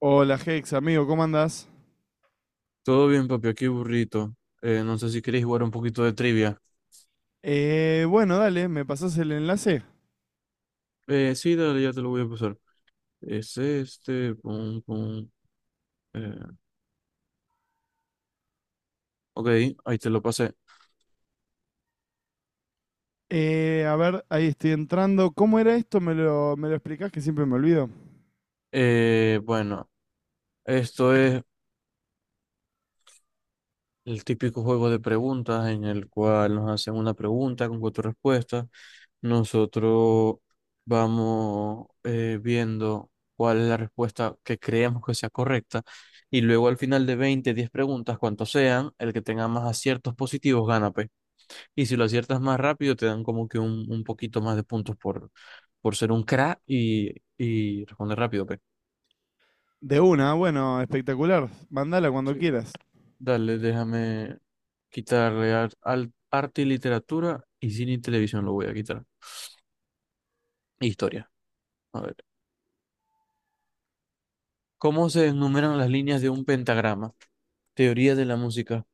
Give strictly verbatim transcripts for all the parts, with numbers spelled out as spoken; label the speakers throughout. Speaker 1: Hola Hex, amigo, ¿cómo andás?
Speaker 2: Todo bien, papi, aquí burrito. Eh, no sé si queréis jugar un poquito de trivia.
Speaker 1: Eh, bueno, Dale, me pasás el enlace.
Speaker 2: Eh, sí, dale, ya te lo voy a pasar. Es este, pum, pum. eh, ok, ahí te lo pasé.
Speaker 1: Eh, a ver, ahí estoy entrando. ¿Cómo era esto? ¿Me lo, me lo explicás que siempre me olvido?
Speaker 2: Eh, bueno, esto es el típico juego de preguntas en el cual nos hacen una pregunta con cuatro respuestas. Nosotros vamos, eh, viendo cuál es la respuesta que creemos que sea correcta. Y luego al final de veinte diez preguntas, cuantos sean, el que tenga más aciertos positivos gana, pues. Y si lo aciertas más rápido, te dan como que un, un poquito más de puntos por, por ser un crack y, y responder rápido,
Speaker 1: De una, bueno, espectacular. Mandala cuando
Speaker 2: pues.
Speaker 1: quieras.
Speaker 2: Dale, déjame quitarle ar- al arte y literatura y cine y televisión lo voy a quitar. Historia. A ver. ¿Cómo se enumeran las líneas de un pentagrama? Teoría de la música.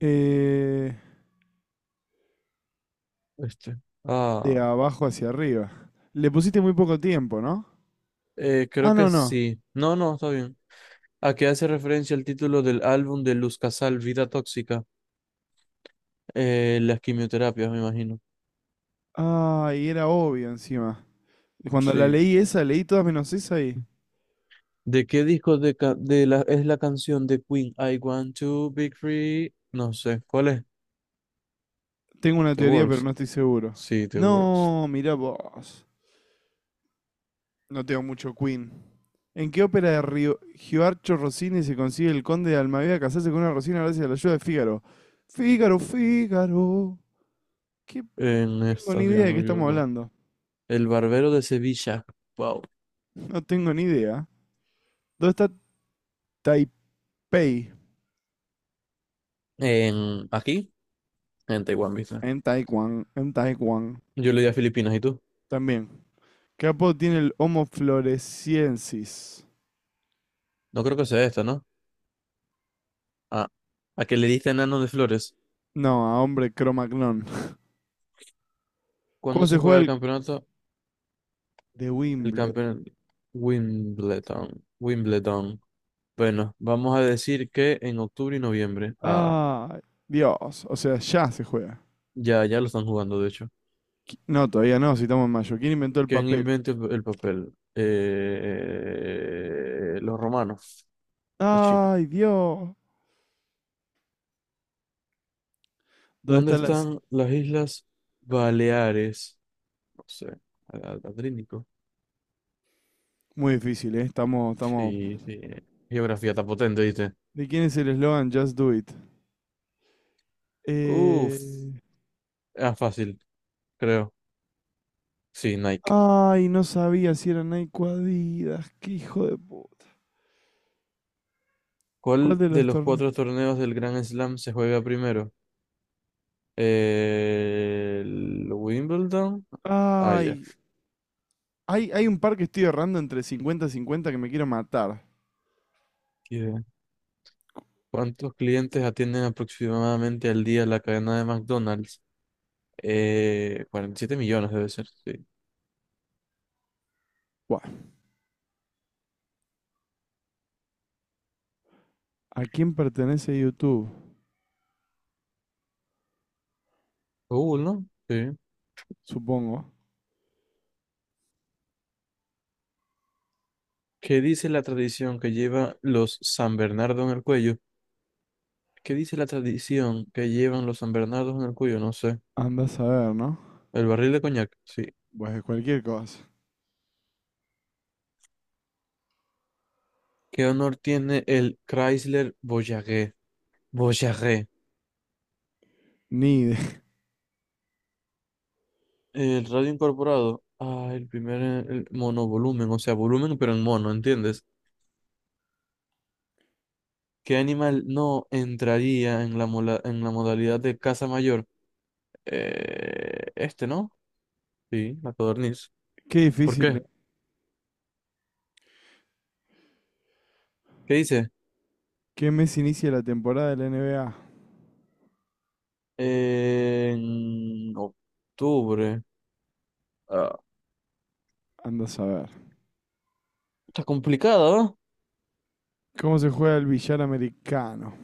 Speaker 1: Eh,
Speaker 2: Este.
Speaker 1: de
Speaker 2: Ah,
Speaker 1: abajo hacia arriba. Le pusiste muy poco tiempo, ¿no?
Speaker 2: eh,
Speaker 1: Ah,
Speaker 2: creo que
Speaker 1: no, no.
Speaker 2: sí. No, no, está bien. ¿A qué hace referencia el título del álbum de Luz Casal, Vida Tóxica? Eh, las quimioterapias, me imagino.
Speaker 1: Ah, y era obvio encima. Cuando la
Speaker 2: Sí.
Speaker 1: leí esa, leí todas menos esa y
Speaker 2: ¿De qué disco de, ca- de la, es la canción de Queen? I want to be free. No sé. ¿Cuál es?
Speaker 1: tengo una
Speaker 2: The
Speaker 1: teoría, pero
Speaker 2: Works.
Speaker 1: no estoy seguro.
Speaker 2: Sí, The Works.
Speaker 1: No, mirá vos. No tengo mucho Queen. ¿En qué ópera de Rio- Gioarcho Rossini se consigue el conde de Almaviva casarse con una Rosina gracias a la ayuda de Fígaro? Fígaro, Fígaro. ¿Qué
Speaker 2: En
Speaker 1: tengo
Speaker 2: esta,
Speaker 1: ni
Speaker 2: si no
Speaker 1: idea de qué
Speaker 2: me
Speaker 1: estamos
Speaker 2: equivoco.
Speaker 1: hablando?
Speaker 2: El Barbero de Sevilla. Wow.
Speaker 1: No tengo ni idea. ¿Dónde está Taipei?
Speaker 2: En, aquí, en Taiwán, ¿viste?
Speaker 1: En Taiwán, en Taiwán.
Speaker 2: Yo le di a Filipinas, ¿y tú?
Speaker 1: También. ¿Qué apodo tiene el Homo floresiensis?
Speaker 2: No creo que sea esta, ¿no? Ah, a que le diste enano de flores.
Speaker 1: No, a hombre cromagnón.
Speaker 2: ¿Cuándo
Speaker 1: ¿Cómo se
Speaker 2: se juega
Speaker 1: juega
Speaker 2: el
Speaker 1: el
Speaker 2: campeonato?
Speaker 1: de
Speaker 2: El
Speaker 1: Wimbledon?
Speaker 2: campeón Wimbledon. Wimbledon. Bueno, vamos a decir que en octubre y noviembre. Ah,
Speaker 1: Ah, Dios. O sea, ya se juega.
Speaker 2: ya, ya lo están jugando, de hecho.
Speaker 1: Qui- No, todavía no, si estamos en mayo. ¿Quién inventó el
Speaker 2: ¿Quién
Speaker 1: papel?
Speaker 2: inventó el el papel? Eh, los romanos, los chinos.
Speaker 1: Ay, Dios. ¿Dónde
Speaker 2: ¿Dónde
Speaker 1: está la...?
Speaker 2: están las Islas Baleares? No sé, Ad- Adriático.
Speaker 1: Muy difícil, ¿eh? Estamos, estamos...
Speaker 2: Sí, sí. eh, Geografía está potente, ¿viste?
Speaker 1: ¿De quién es el eslogan Just Do It? Eh...
Speaker 2: Uf, era fácil, creo. Sí, Nike.
Speaker 1: Ay, no sabía si era Nike o Adidas. Qué hijo de puta. ¿Cuál
Speaker 2: ¿Cuál
Speaker 1: de
Speaker 2: de
Speaker 1: los
Speaker 2: los
Speaker 1: torneos?
Speaker 2: cuatro torneos del Grand Slam se juega primero? Eh, ¿El Wimbledon? Ah, ya.
Speaker 1: Ay, hay, hay un par que estoy errando entre cincuenta y cincuenta que me quiero matar.
Speaker 2: ¿Qué? ¿Cuántos clientes atienden aproximadamente al día la cadena de McDonald's? Eh, cuarenta y siete millones debe ser, sí.
Speaker 1: Buah. ¿A quién pertenece YouTube?
Speaker 2: Google, ¿no? Sí.
Speaker 1: Supongo.
Speaker 2: ¿Qué dice la tradición que lleva los San Bernardo en el cuello? ¿Qué dice la tradición que llevan los San Bernardos en el cuello? No sé.
Speaker 1: Andás a ver, ¿no?
Speaker 2: El barril de coñac, sí.
Speaker 1: Pues cualquier cosa.
Speaker 2: ¿Qué honor tiene el Chrysler Voyager? Voyager.
Speaker 1: Ni idea.
Speaker 2: El radio incorporado. Ah, el primer eh, el monovolumen, o sea, volumen pero en mono, ¿entiendes? ¿Qué animal no entraría en la, mola- en la modalidad de caza mayor? Eh, este, ¿no? Sí, la codorniz.
Speaker 1: Qué
Speaker 2: ¿Por
Speaker 1: difícil,
Speaker 2: qué?
Speaker 1: ¿eh?
Speaker 2: ¿Qué dice?
Speaker 1: ¿Qué mes inicia la temporada de la N B A?
Speaker 2: En octubre. Ah,
Speaker 1: Andás a ver.
Speaker 2: está complicado, ¿verdad?
Speaker 1: ¿Cómo se juega el billar americano?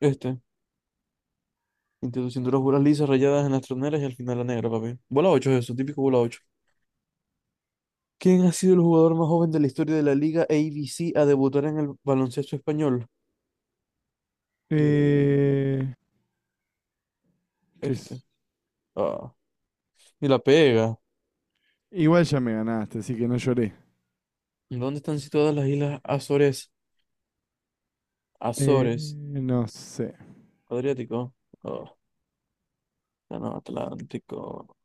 Speaker 2: Este. Introduciendo las bolas lisas rayadas en las troneras y al final la negra, papi. Bola ocho es eso, típico bola ocho. ¿Quién ha sido el jugador más joven de la historia de la Liga A B C a debutar en el baloncesto español? Eh,
Speaker 1: Eh, ¿Qué
Speaker 2: este.
Speaker 1: es?
Speaker 2: Ah, y la pega.
Speaker 1: Igual ya me ganaste, así que no lloré.
Speaker 2: ¿Dónde están situadas las islas Azores?
Speaker 1: Eh,
Speaker 2: Azores.
Speaker 1: no sé.
Speaker 2: Adriático. Ah, no, Atlántico.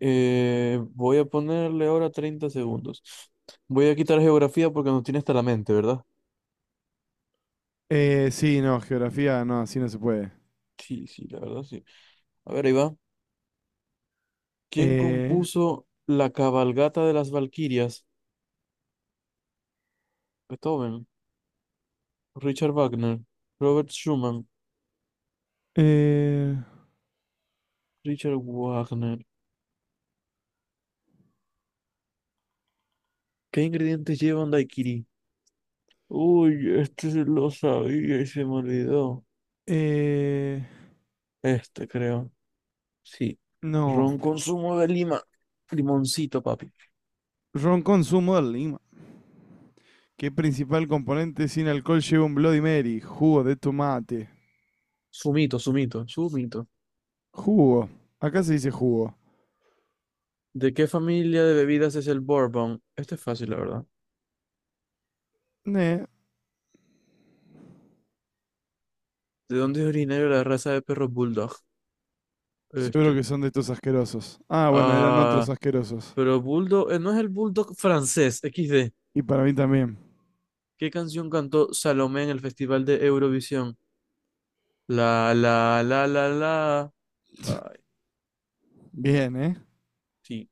Speaker 2: Eh, voy a ponerle ahora treinta segundos. Voy a quitar geografía porque nos tiene hasta la mente, ¿verdad?
Speaker 1: Eh, sí, no, geografía, no, así no se puede.
Speaker 2: Sí, sí, la verdad, sí. A ver, ahí va. ¿Quién
Speaker 1: Eh,
Speaker 2: compuso La cabalgata de las Valquirias? Beethoven, Richard Wagner, Robert Schumann,
Speaker 1: eh,
Speaker 2: Richard Wagner. ¿Qué ingredientes llevan daiquiri? Uy, este sí lo sabía y se me olvidó.
Speaker 1: eh,
Speaker 2: Este creo. Sí.
Speaker 1: no.
Speaker 2: Ron con zumo de lima. Limoncito, papi.
Speaker 1: Ron con zumo de lima. ¿Qué principal componente sin alcohol lleva un Bloody Mary? Jugo de tomate.
Speaker 2: Sumito, sumito, sumito.
Speaker 1: Jugo. Acá se dice jugo.
Speaker 2: ¿De qué familia de bebidas es el bourbon? Este es fácil, la verdad.
Speaker 1: Ne,
Speaker 2: ¿De dónde es originario la raza de perro bulldog?
Speaker 1: seguro
Speaker 2: Este.
Speaker 1: que son de estos asquerosos. Ah, bueno, eran otros
Speaker 2: Ah,
Speaker 1: asquerosos.
Speaker 2: pero bulldog, eh, no es el bulldog francés, equis de.
Speaker 1: Y para mí también.
Speaker 2: ¿Qué canción cantó Salomé en el Festival de Eurovisión? La, la, la, la, la. Ay,
Speaker 1: Bien, ¿eh?
Speaker 2: sí,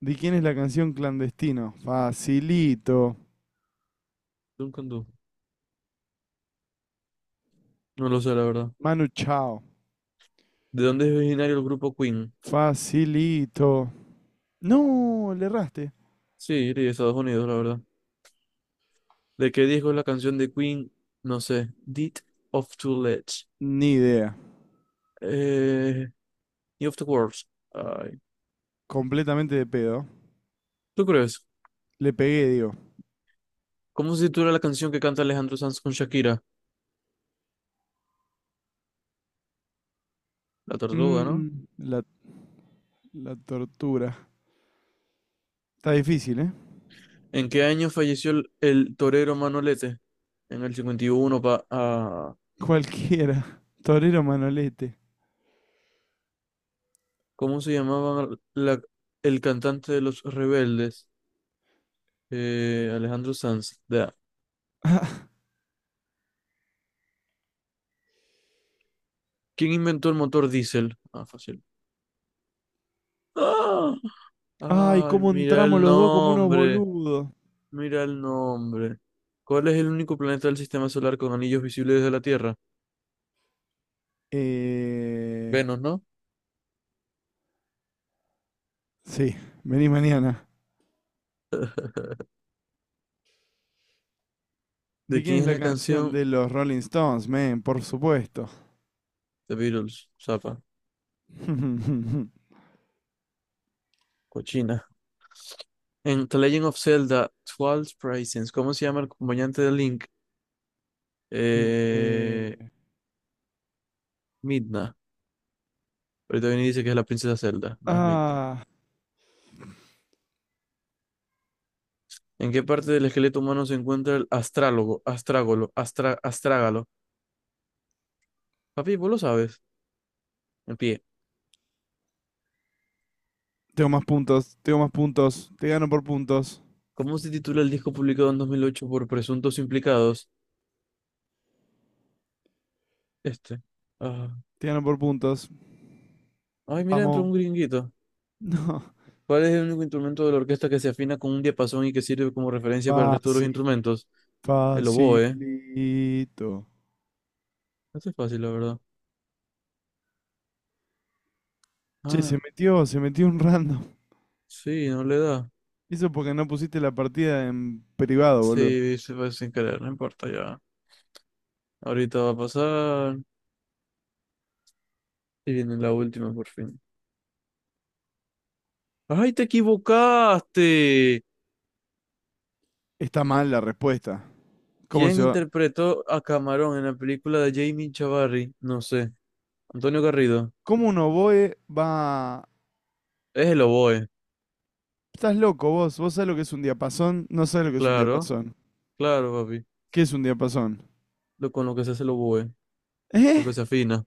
Speaker 1: ¿De quién es la canción Clandestino? Facilito.
Speaker 2: nunca anduvo. No lo sé, la verdad.
Speaker 1: Manu Chao.
Speaker 2: ¿De dónde es originario el grupo Queen?
Speaker 1: Facilito. No, le erraste.
Speaker 2: Sí, de Estados Unidos, la verdad. ¿De qué disco es la canción de Queen? No sé. Deed of Two Legs.
Speaker 1: Ni idea.
Speaker 2: Eh, Need of the World.
Speaker 1: Completamente de pedo.
Speaker 2: ¿Tú crees?
Speaker 1: Le pegué, digo.
Speaker 2: ¿Cómo se titula la canción que canta Alejandro Sanz con Shakira? La
Speaker 1: Mm,
Speaker 2: Tortuga, ¿no?
Speaker 1: mm. la, la tortura. Está difícil, ¿eh?
Speaker 2: ¿En qué año falleció el, el torero Manolete? En el cincuenta y uno, pa, ah,
Speaker 1: Cualquiera. Torero Manolete.
Speaker 2: ¿cómo se llamaba la- el cantante de Los Rebeldes? Eh, Alejandro Sanz. Da. ¿Quién inventó el motor diésel? Ah, fácil. ¡Ah!
Speaker 1: Ay,
Speaker 2: Ay,
Speaker 1: cómo
Speaker 2: mira
Speaker 1: entramos
Speaker 2: el
Speaker 1: los dos como unos
Speaker 2: nombre,
Speaker 1: boludos.
Speaker 2: mira el nombre. ¿Cuál es el único planeta del sistema solar con anillos visibles desde la Tierra?
Speaker 1: Eh,
Speaker 2: Venus, ¿no?
Speaker 1: sí, vení mañana.
Speaker 2: ¿De
Speaker 1: ¿De quién
Speaker 2: quién
Speaker 1: es
Speaker 2: es
Speaker 1: la
Speaker 2: la
Speaker 1: canción?
Speaker 2: canción
Speaker 1: De los Rolling Stones, men, por supuesto.
Speaker 2: The Beatles, Zapa, cochina. En The Legend of Zelda, Twilight Princess, ¿cómo se llama el acompañante de Link?
Speaker 1: Eh,
Speaker 2: Eh, Midna. Ahorita viene y dice que es la princesa Zelda, no es Midna.
Speaker 1: ah,
Speaker 2: ¿En qué parte del esqueleto humano se encuentra el astrálogo, astrágolo, astra- astrágalo? Papi, vos lo sabes. En pie.
Speaker 1: Tengo más puntos, tengo más puntos. Te gano por puntos,
Speaker 2: ¿Cómo se titula el disco publicado en dos mil ocho por presuntos implicados? Este. Ah.
Speaker 1: te gano por puntos.
Speaker 2: Ay, mira, entró
Speaker 1: Vamos.
Speaker 2: un gringuito.
Speaker 1: No.
Speaker 2: ¿Cuál es el único instrumento de la orquesta que se afina con un diapasón y que sirve como referencia para el resto de los
Speaker 1: Fácil,
Speaker 2: instrumentos? El oboe.
Speaker 1: facilito.
Speaker 2: Este es fácil, la verdad.
Speaker 1: Che, se
Speaker 2: Ah,
Speaker 1: metió, se metió un random.
Speaker 2: sí, no le da.
Speaker 1: Eso porque no pusiste la partida en privado, boludo.
Speaker 2: Sí, se fue sin querer, no importa ya. Ahorita va a pasar. Y viene la última por fin. ¡Ay, te equivocaste!
Speaker 1: Está mal la respuesta. ¿Cómo
Speaker 2: ¿Quién
Speaker 1: se va?
Speaker 2: interpretó a Camarón en la película de Jamie Chavarri? No sé. Antonio Garrido.
Speaker 1: ¿Cómo un oboe va?
Speaker 2: Es el oboe.
Speaker 1: Estás loco vos, vos sabés lo que es un diapasón, no sabés lo que es un
Speaker 2: Claro,
Speaker 1: diapasón.
Speaker 2: claro, papi.
Speaker 1: ¿Qué es un diapasón?
Speaker 2: Lo, con lo que se hace el oboe. Lo
Speaker 1: ¿Eh?
Speaker 2: que se afina.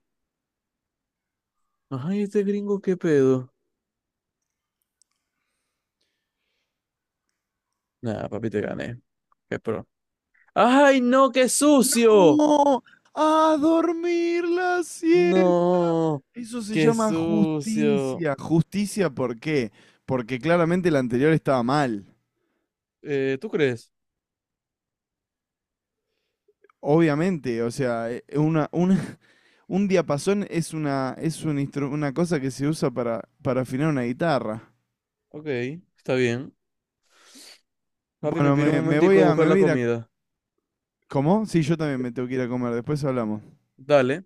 Speaker 2: ¡Ay, este gringo, qué pedo! Nada, papi, te gané. Qué pro. ¡Ay, no, qué sucio!
Speaker 1: No, a dormir las cien.
Speaker 2: No,
Speaker 1: Eso se
Speaker 2: qué
Speaker 1: llama
Speaker 2: sucio.
Speaker 1: justicia. ¿Justicia por qué? Porque claramente la anterior estaba mal.
Speaker 2: Eh, ¿tú crees?
Speaker 1: Obviamente, o sea, eh, una, una- un diapasón es una, es un instru- una cosa que se usa para, para afinar una guitarra.
Speaker 2: Ok, está bien. Papi, me
Speaker 1: Bueno,
Speaker 2: pido un
Speaker 1: me, me voy
Speaker 2: momentico a
Speaker 1: a,
Speaker 2: buscar
Speaker 1: me voy
Speaker 2: la
Speaker 1: a ir a...
Speaker 2: comida.
Speaker 1: ¿Cómo? Sí, yo también me tengo que ir a comer, después hablamos.
Speaker 2: Dale.